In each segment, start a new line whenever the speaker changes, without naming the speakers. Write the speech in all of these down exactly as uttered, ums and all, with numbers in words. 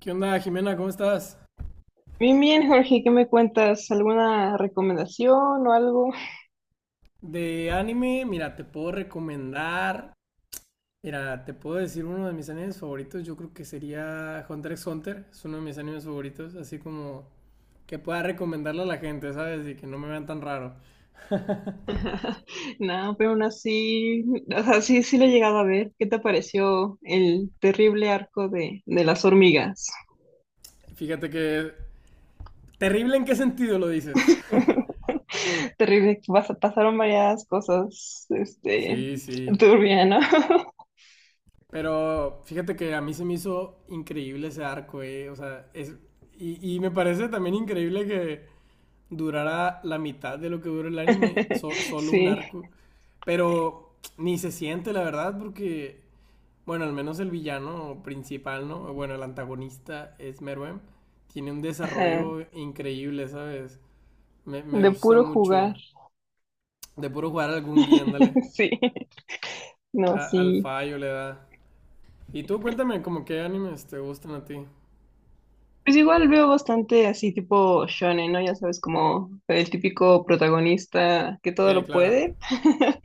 ¿Qué onda, Jimena? ¿Cómo estás?
Bien, bien, Jorge, ¿qué me cuentas? ¿Alguna recomendación o algo?
De anime, mira, te puedo recomendar. Mira, te puedo decir uno de mis animes favoritos. Yo creo que sería Hunter x Hunter. Es uno de mis animes favoritos. Así como que pueda recomendarle a la gente, ¿sabes? Y que no me vean tan raro.
No, pero aún así, o sea, sí, sí lo he llegado a ver. ¿Qué te pareció el terrible arco de, de las hormigas?
Fíjate que. Terrible en qué sentido lo dices.
Terrible, pas- pasaron varias cosas, este,
Sí, sí.
turbia, ¿no?
Pero fíjate que a mí se me hizo increíble ese arco, eh. O sea, es. Y, y me parece también increíble que durara la mitad de lo que dura el anime, so- solo un
Sí,
arco. Pero ni se siente, la verdad, porque, bueno, al menos el villano principal, ¿no? Bueno, el antagonista es Meruem. Tiene un
ajá,
desarrollo increíble, ¿sabes? Me, me
de
gusta
puro
mucho.
jugar.
De puro jugar algún guía, ándale.
Sí, no,
A- al
sí.
fallo le da. ¿Y tú cuéntame, como qué animes te gustan a ti?
Pues igual veo bastante así tipo shonen, ¿no? Ya sabes, como el típico protagonista que todo
Sí,
lo
claro.
puede.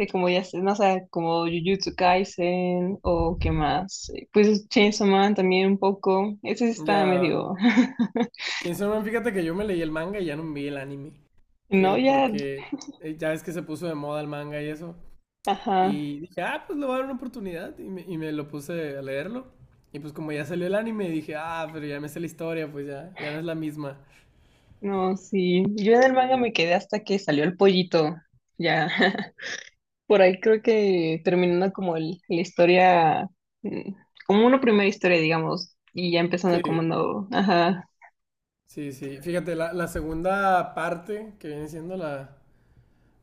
Eh, Como ya sé, no sé sea, como Jujutsu Kaisen o qué más. Eh, Pues Chainsaw Man también un poco. Ese sí está
Ya.
medio...
Chainsaw Man, fíjate que yo me leí el manga y ya no me vi el anime.
No,
Pero
ya...
porque eh, ya ves que se puso de moda el manga y eso.
Ajá.
Y dije, ah, pues le voy a dar una oportunidad. Y me, y me lo puse a leerlo. Y pues como ya salió el anime, dije, ah, pero ya me sé la historia, pues ya, ya no es la misma.
No, sí. Yo en el manga me quedé hasta que salió el pollito. Ya. Por ahí creo que terminando como el- la historia, mm, como una primera historia, digamos, y ya empezando como
Sí,
no, ajá,
sí, sí. Fíjate, la, la segunda parte que viene siendo la.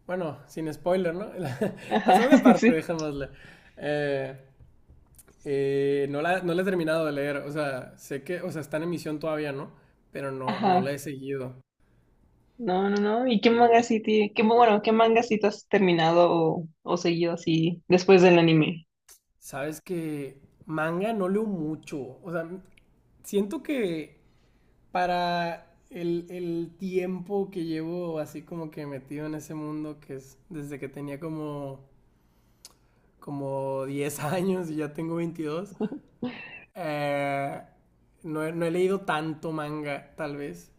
Bueno, sin spoiler, ¿no? La,
ajá,
segunda parte,
sí,
dejémosle. Eh, Eh, no la, no la he terminado de leer, o sea, sé que, o sea, está en emisión todavía, ¿no? Pero no, no la
ajá,
he seguido.
no, no, no. ¿Y qué manga sí, ti- qué, bueno, qué manga sí te has terminado o, o seguido así después del anime?
Sabes que manga no leo mucho, o sea, siento que para el, el tiempo que llevo así como que metido en ese mundo, que es desde que tenía como, como diez años y ya tengo veintidós. Eh, no, he- no he leído tanto manga, tal vez.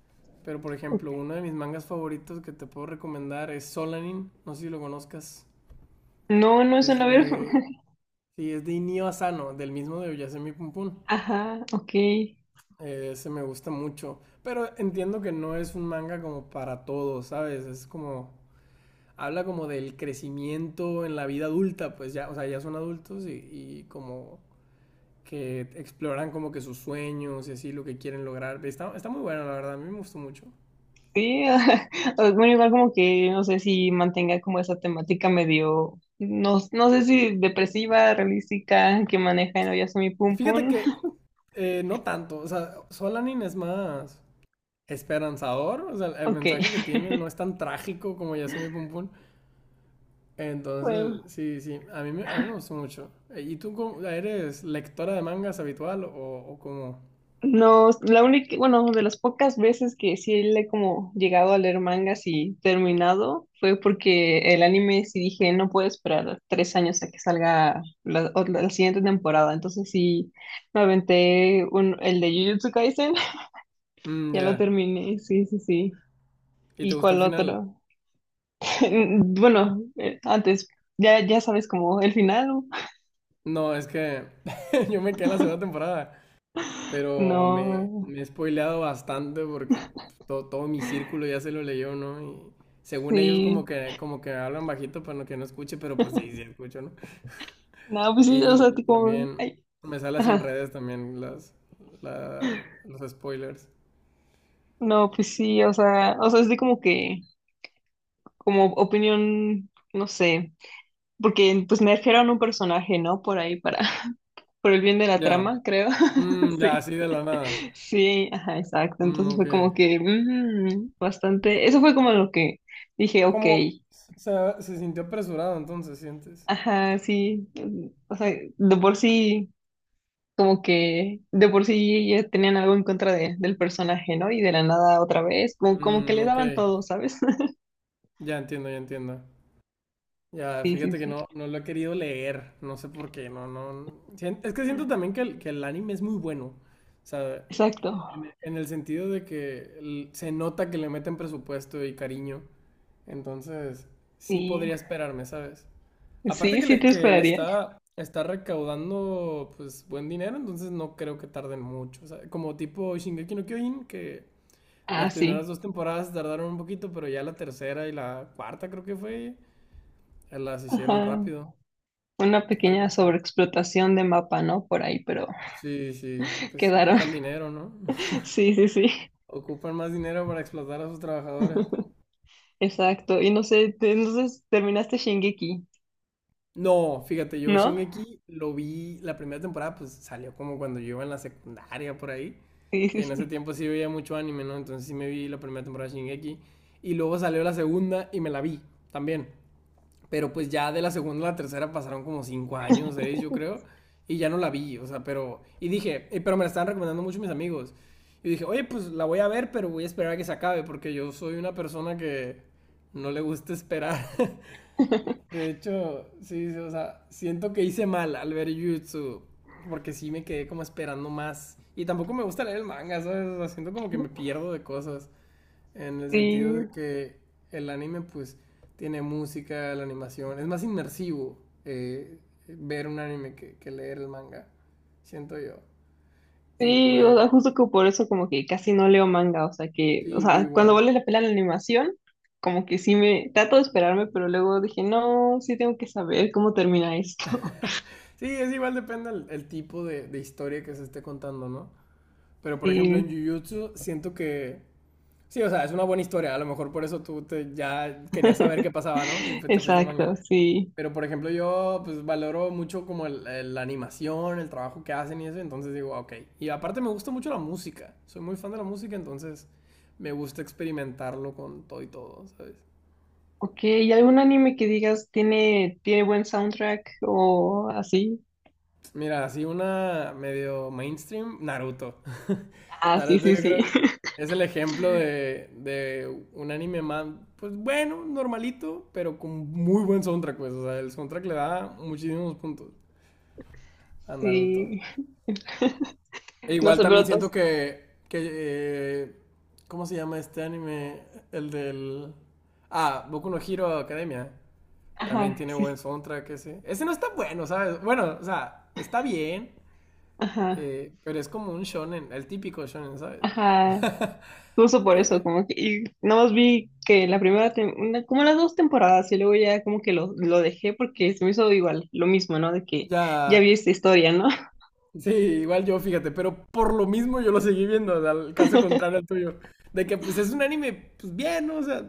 Pero, por
Ok.
ejemplo, uno de mis mangas favoritos que te puedo recomendar es Solanin. No sé si lo conozcas.
No, no es
Es
una ver,
de. Sí, es de Inio Asano, del mismo de Oyasemi Pum Pum.
ajá, ok,
Eh, ese me gusta mucho. Pero entiendo que no es un manga como para todos, ¿sabes? Es como. Habla como del crecimiento en la vida adulta, pues ya, o sea, ya son adultos y, y como que exploran como que sus sueños y así lo que quieren lograr. Está, está muy bueno, la verdad, a mí me gustó mucho.
sí, ajá. Bueno, igual como que, no sé si mantenga como esa temática medio... No, no sé si depresiva, realística, que maneja en Oyasumi Pum
Fíjate
Pum.
que eh, no tanto, o sea, Solanin es más esperanzador, o sea, el
Ok,
mensaje que tiene no es tan trágico como Yasumi Pum Pum.
bueno,
Entonces, sí, sí, a mí, me- a mí me gustó mucho. Eh, ¿Y tú cómo- eres lectora de mangas habitual o, o cómo?
no, la única, bueno, de las pocas veces que sí le he como llegado a leer mangas y terminado fue porque el anime sí dije, no puedo esperar tres años a que salga la, o la- la siguiente temporada, entonces sí me aventé un, el de Jujutsu Kaisen.
Mm,
Ya lo
ya.
terminé, sí, sí, sí.
¿Y te
¿Y
gustó el
cuál
final?
otro? Bueno, eh, antes, ya, ya sabes como el final, ¿no?
No, es que yo me quedé en la segunda temporada. Pero me,
No,
me he spoileado bastante porque todo, todo mi círculo ya se lo leyó, ¿no? Y según ellos
sí,
como que, como que hablan bajito para no que no escuche, pero pues sí, sí escucho, ¿no?
no, pues sí, o
Y,
sea,
y
tipo,
también
ay,
me sale sin
ajá.
redes también las, la- los spoilers.
No, pues sí, o sea, o sea, es de como que, como opinión, no sé, porque pues me a un personaje, ¿no? Por ahí, para, por el bien de la
Ya,
trama, creo.
mm, ya,
Sí,
así de la nada.
sí, ajá, exacto.
Mm,
Entonces
ok.
fue como que, mm, bastante, eso fue como lo que dije, ok,
¿Cómo se, se sintió apresurado entonces, sientes?
ajá, sí, mm, o sea, de por sí, como que, de por sí ya tenían algo en contra de- del personaje, ¿no? Y de la nada otra vez, como, como que
Mm,
le
ok,
daban todo, ¿sabes?
ya entiendo, ya entiendo. Ya,
Sí, sí,
fíjate que
sí,
no, no lo he querido leer, no sé por qué, no, no. sien- Es que siento también que el, que el, anime es muy bueno, o sea,
exacto.
en, e- en el sentido de que el- se nota que le meten presupuesto y cariño, entonces sí
Sí.
podría esperarme, ¿sabes? Aparte
Sí,
que
sí
le,
te
que le
esperaría.
está, está recaudando pues buen dinero, entonces no creo que tarden mucho, o sea, como tipo Shingeki no Kyojin, que
Ah,
las primeras
sí.
dos temporadas tardaron un poquito, pero ya la tercera y la cuarta creo que fue, eh, las hicieron
Ajá.
rápido.
Una
Algo
pequeña
así.
sobreexplotación de mapa, ¿no? Por ahí, pero
Sí, sí, pues
quedaron.
ocupan dinero, ¿no?
Sí, sí, sí.
Ocupan más dinero para explotar a sus trabajadores.
Exacto. Y no sé, te- entonces terminaste Shingeki,
No, fíjate, yo
¿no?
Shingeki lo vi la primera temporada, pues salió como cuando yo iba en la secundaria por ahí.
Sí,
Y
sí,
en ese
sí.
tiempo sí veía mucho anime, ¿no? Entonces sí me vi la primera temporada de Shingeki. Y luego salió la segunda y me la vi también. Pero pues ya de la segunda a la tercera pasaron como cinco años, seis, yo creo. Y ya no la vi, o sea, pero. Y dije, eh, pero me la estaban recomendando mucho mis amigos. Y dije, oye, pues la voy a ver, pero voy a esperar a que se acabe, porque yo soy una persona que no le gusta esperar. De hecho, sí, sí, o sea, siento que hice mal al ver Jutsu, porque sí me quedé como esperando más. Y tampoco me gusta leer el manga, ¿sabes? O sea, siento como que me pierdo de cosas. En el sentido de
Sí,
que el anime, pues, tiene música, la animación. Es más inmersivo, eh, ver un anime que, que leer el manga, siento yo. Y
sí, o sea,
pues,
justo que por eso como que casi no leo manga, o sea que, o
sí, yo
sea, cuando
igual.
vale la pena la animación, como que sí me trato de esperarme, pero luego dije, no, sí tengo que saber cómo termina esto.
Sí, es igual, depende el, el tipo de, de historia que se esté contando, ¿no? Pero, por ejemplo, en
Sí,
Jujutsu siento que. Sí, o sea, es una buena historia. A lo mejor por eso tú te, ya querías saber qué pasaba, ¿no? Y pues te fuiste al manga.
exacto, sí.
Pero por ejemplo yo pues valoro mucho como el- el- la animación, el trabajo que hacen y eso, entonces digo, "Ah, ok". Y aparte me gusta mucho la música, soy muy fan de la música, entonces me gusta experimentarlo con todo y todo, ¿sabes?
Ok, ¿y algún anime que digas tiene, tiene buen soundtrack o así?
Mira, así una medio mainstream, Naruto.
Ah, sí,
Naruto yo
sí, sí.
creo que es el ejemplo de, de un anime más, pues bueno, normalito, pero con muy buen soundtrack, pues, o sea, el soundtrack le da muchísimos puntos a Naruto.
Sí.
E
No
igual
sé,
también
pero
siento
todos.
que, que eh, ¿cómo se llama este anime? El del. Ah, Boku no Hero Academia. También
Ajá,
tiene
sí, sí.
buen soundtrack ese. Ese no está bueno, ¿sabes? Bueno, o sea, está bien,
Ajá,
eh, pero es como un shonen, el típico shonen, ¿sabes?
ajá. Justo por eso,
Eh,
como que. Y nada más vi que la primera. Tem- una- como las dos temporadas, y luego ya como que lo, lo dejé porque se me hizo igual, lo mismo, ¿no? De que ya
ya...
vi esta historia, ¿no?
Sí, igual yo, fíjate, pero por lo mismo yo lo seguí viendo, o sea, el caso contrario al tuyo. De que pues es un anime, pues bien, ¿no? O sea,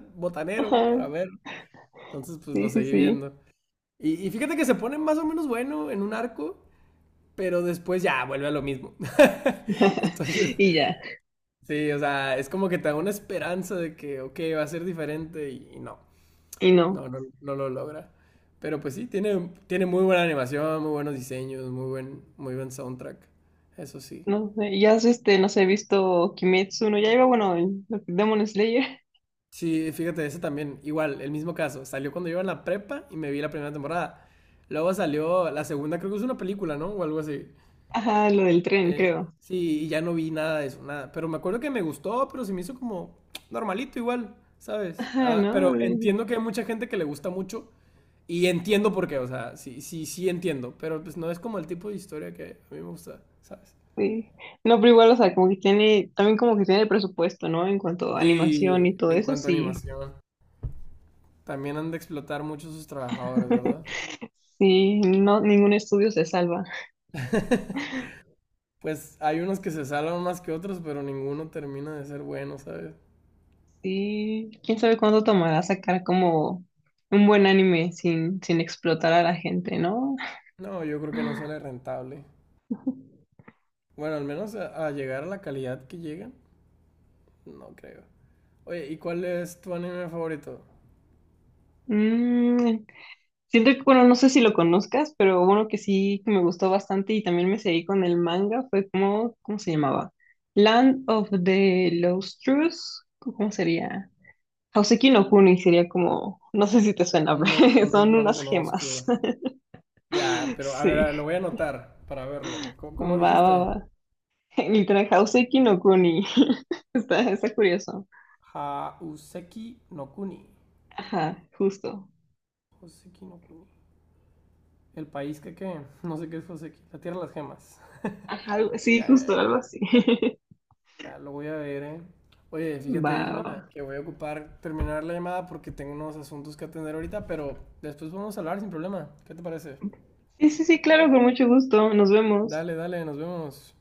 Ajá,
botanero para ver. Entonces pues lo
sí, sí,
seguí
sí.
viendo. Y, y fíjate que se pone más o menos bueno en un arco, pero después ya vuelve a lo mismo. Entonces,
Y ya.
sí, o sea, es como que te da una esperanza de que, ok, va a ser diferente y, y no,
Y
no,
no.
no, no lo logra. Pero pues sí, tiene, tiene muy buena animación, muy buenos diseños, muy buen, muy buen soundtrack. Eso sí.
No sé, ya has este, no sé, visto Kimetsu no Yaiba, bueno, el- lo que- Demon Slayer.
Sí, fíjate, ese también, igual, el mismo caso. Salió cuando yo iba en la prepa y me vi la primera temporada. Luego salió la segunda, creo que es una película, ¿no? O algo así.
Ajá, lo del tren,
Eh,
creo.
sí, y ya no vi nada de eso, nada. Pero me acuerdo que me gustó, pero se me hizo como normalito igual, ¿sabes?
Ajá,
Ah, pero
¿no? De-
entiendo que hay mucha gente que le gusta mucho y entiendo por qué, o sea, sí, sí, sí entiendo, pero pues no es como el tipo de historia que a mí me gusta, ¿sabes?
Sí. No, pero igual, o sea, como que tiene, también como que tiene presupuesto, ¿no? En cuanto a animación
Sí,
y todo
en
eso,
cuanto a
sí.
animación, también han de explotar mucho sus trabajadores, ¿verdad?
Sí, no, ningún estudio se salva.
Pues hay unos que se salvan más que otros, pero ninguno termina de ser bueno, ¿sabes?
Sí, quién sabe cuánto tomará sacar como un buen anime sin, sin explotar a la gente, ¿no?
No, yo creo que no sale rentable. Bueno, al menos a, a llegar a la calidad que llegan. No creo. Oye, ¿y cuál es tu anime favorito?
Mm, Siento que, bueno, no sé si lo conozcas, pero uno que sí que me gustó bastante y también me seguí con el manga fue como, ¿cómo se llamaba? Land of the Lostrous, ¿cómo sería? Houseki no Kuni sería como, no sé si te suena,
No,
pero
no,
son
no lo
unas gemas.
conozco. Ya, pero a ver, a
Sí,
ver, lo voy a anotar para verlo. ¿Cómo, cómo
va, va,
dijiste?
va. Literal, Houseki no Kuni. Está, está curioso.
Hauseki no Kuni.
Ajá, justo.
Hauseki no Kuni. ¿El país que qué? No sé qué es Hauseki. La tierra de las gemas.
Ajá, algo- sí,
Ya, ya,
justo,
ya.
algo así.
Ya, lo voy a ver, ¿eh? Oye,
Va,
fíjate,
va.
Jimena,
Va.
que voy a ocupar terminar la llamada porque tengo unos asuntos que atender ahorita, pero después vamos a hablar sin problema. ¿Qué te parece?
Sí, sí, sí, claro, con mucho gusto. Nos vemos.
Dale, dale, nos vemos.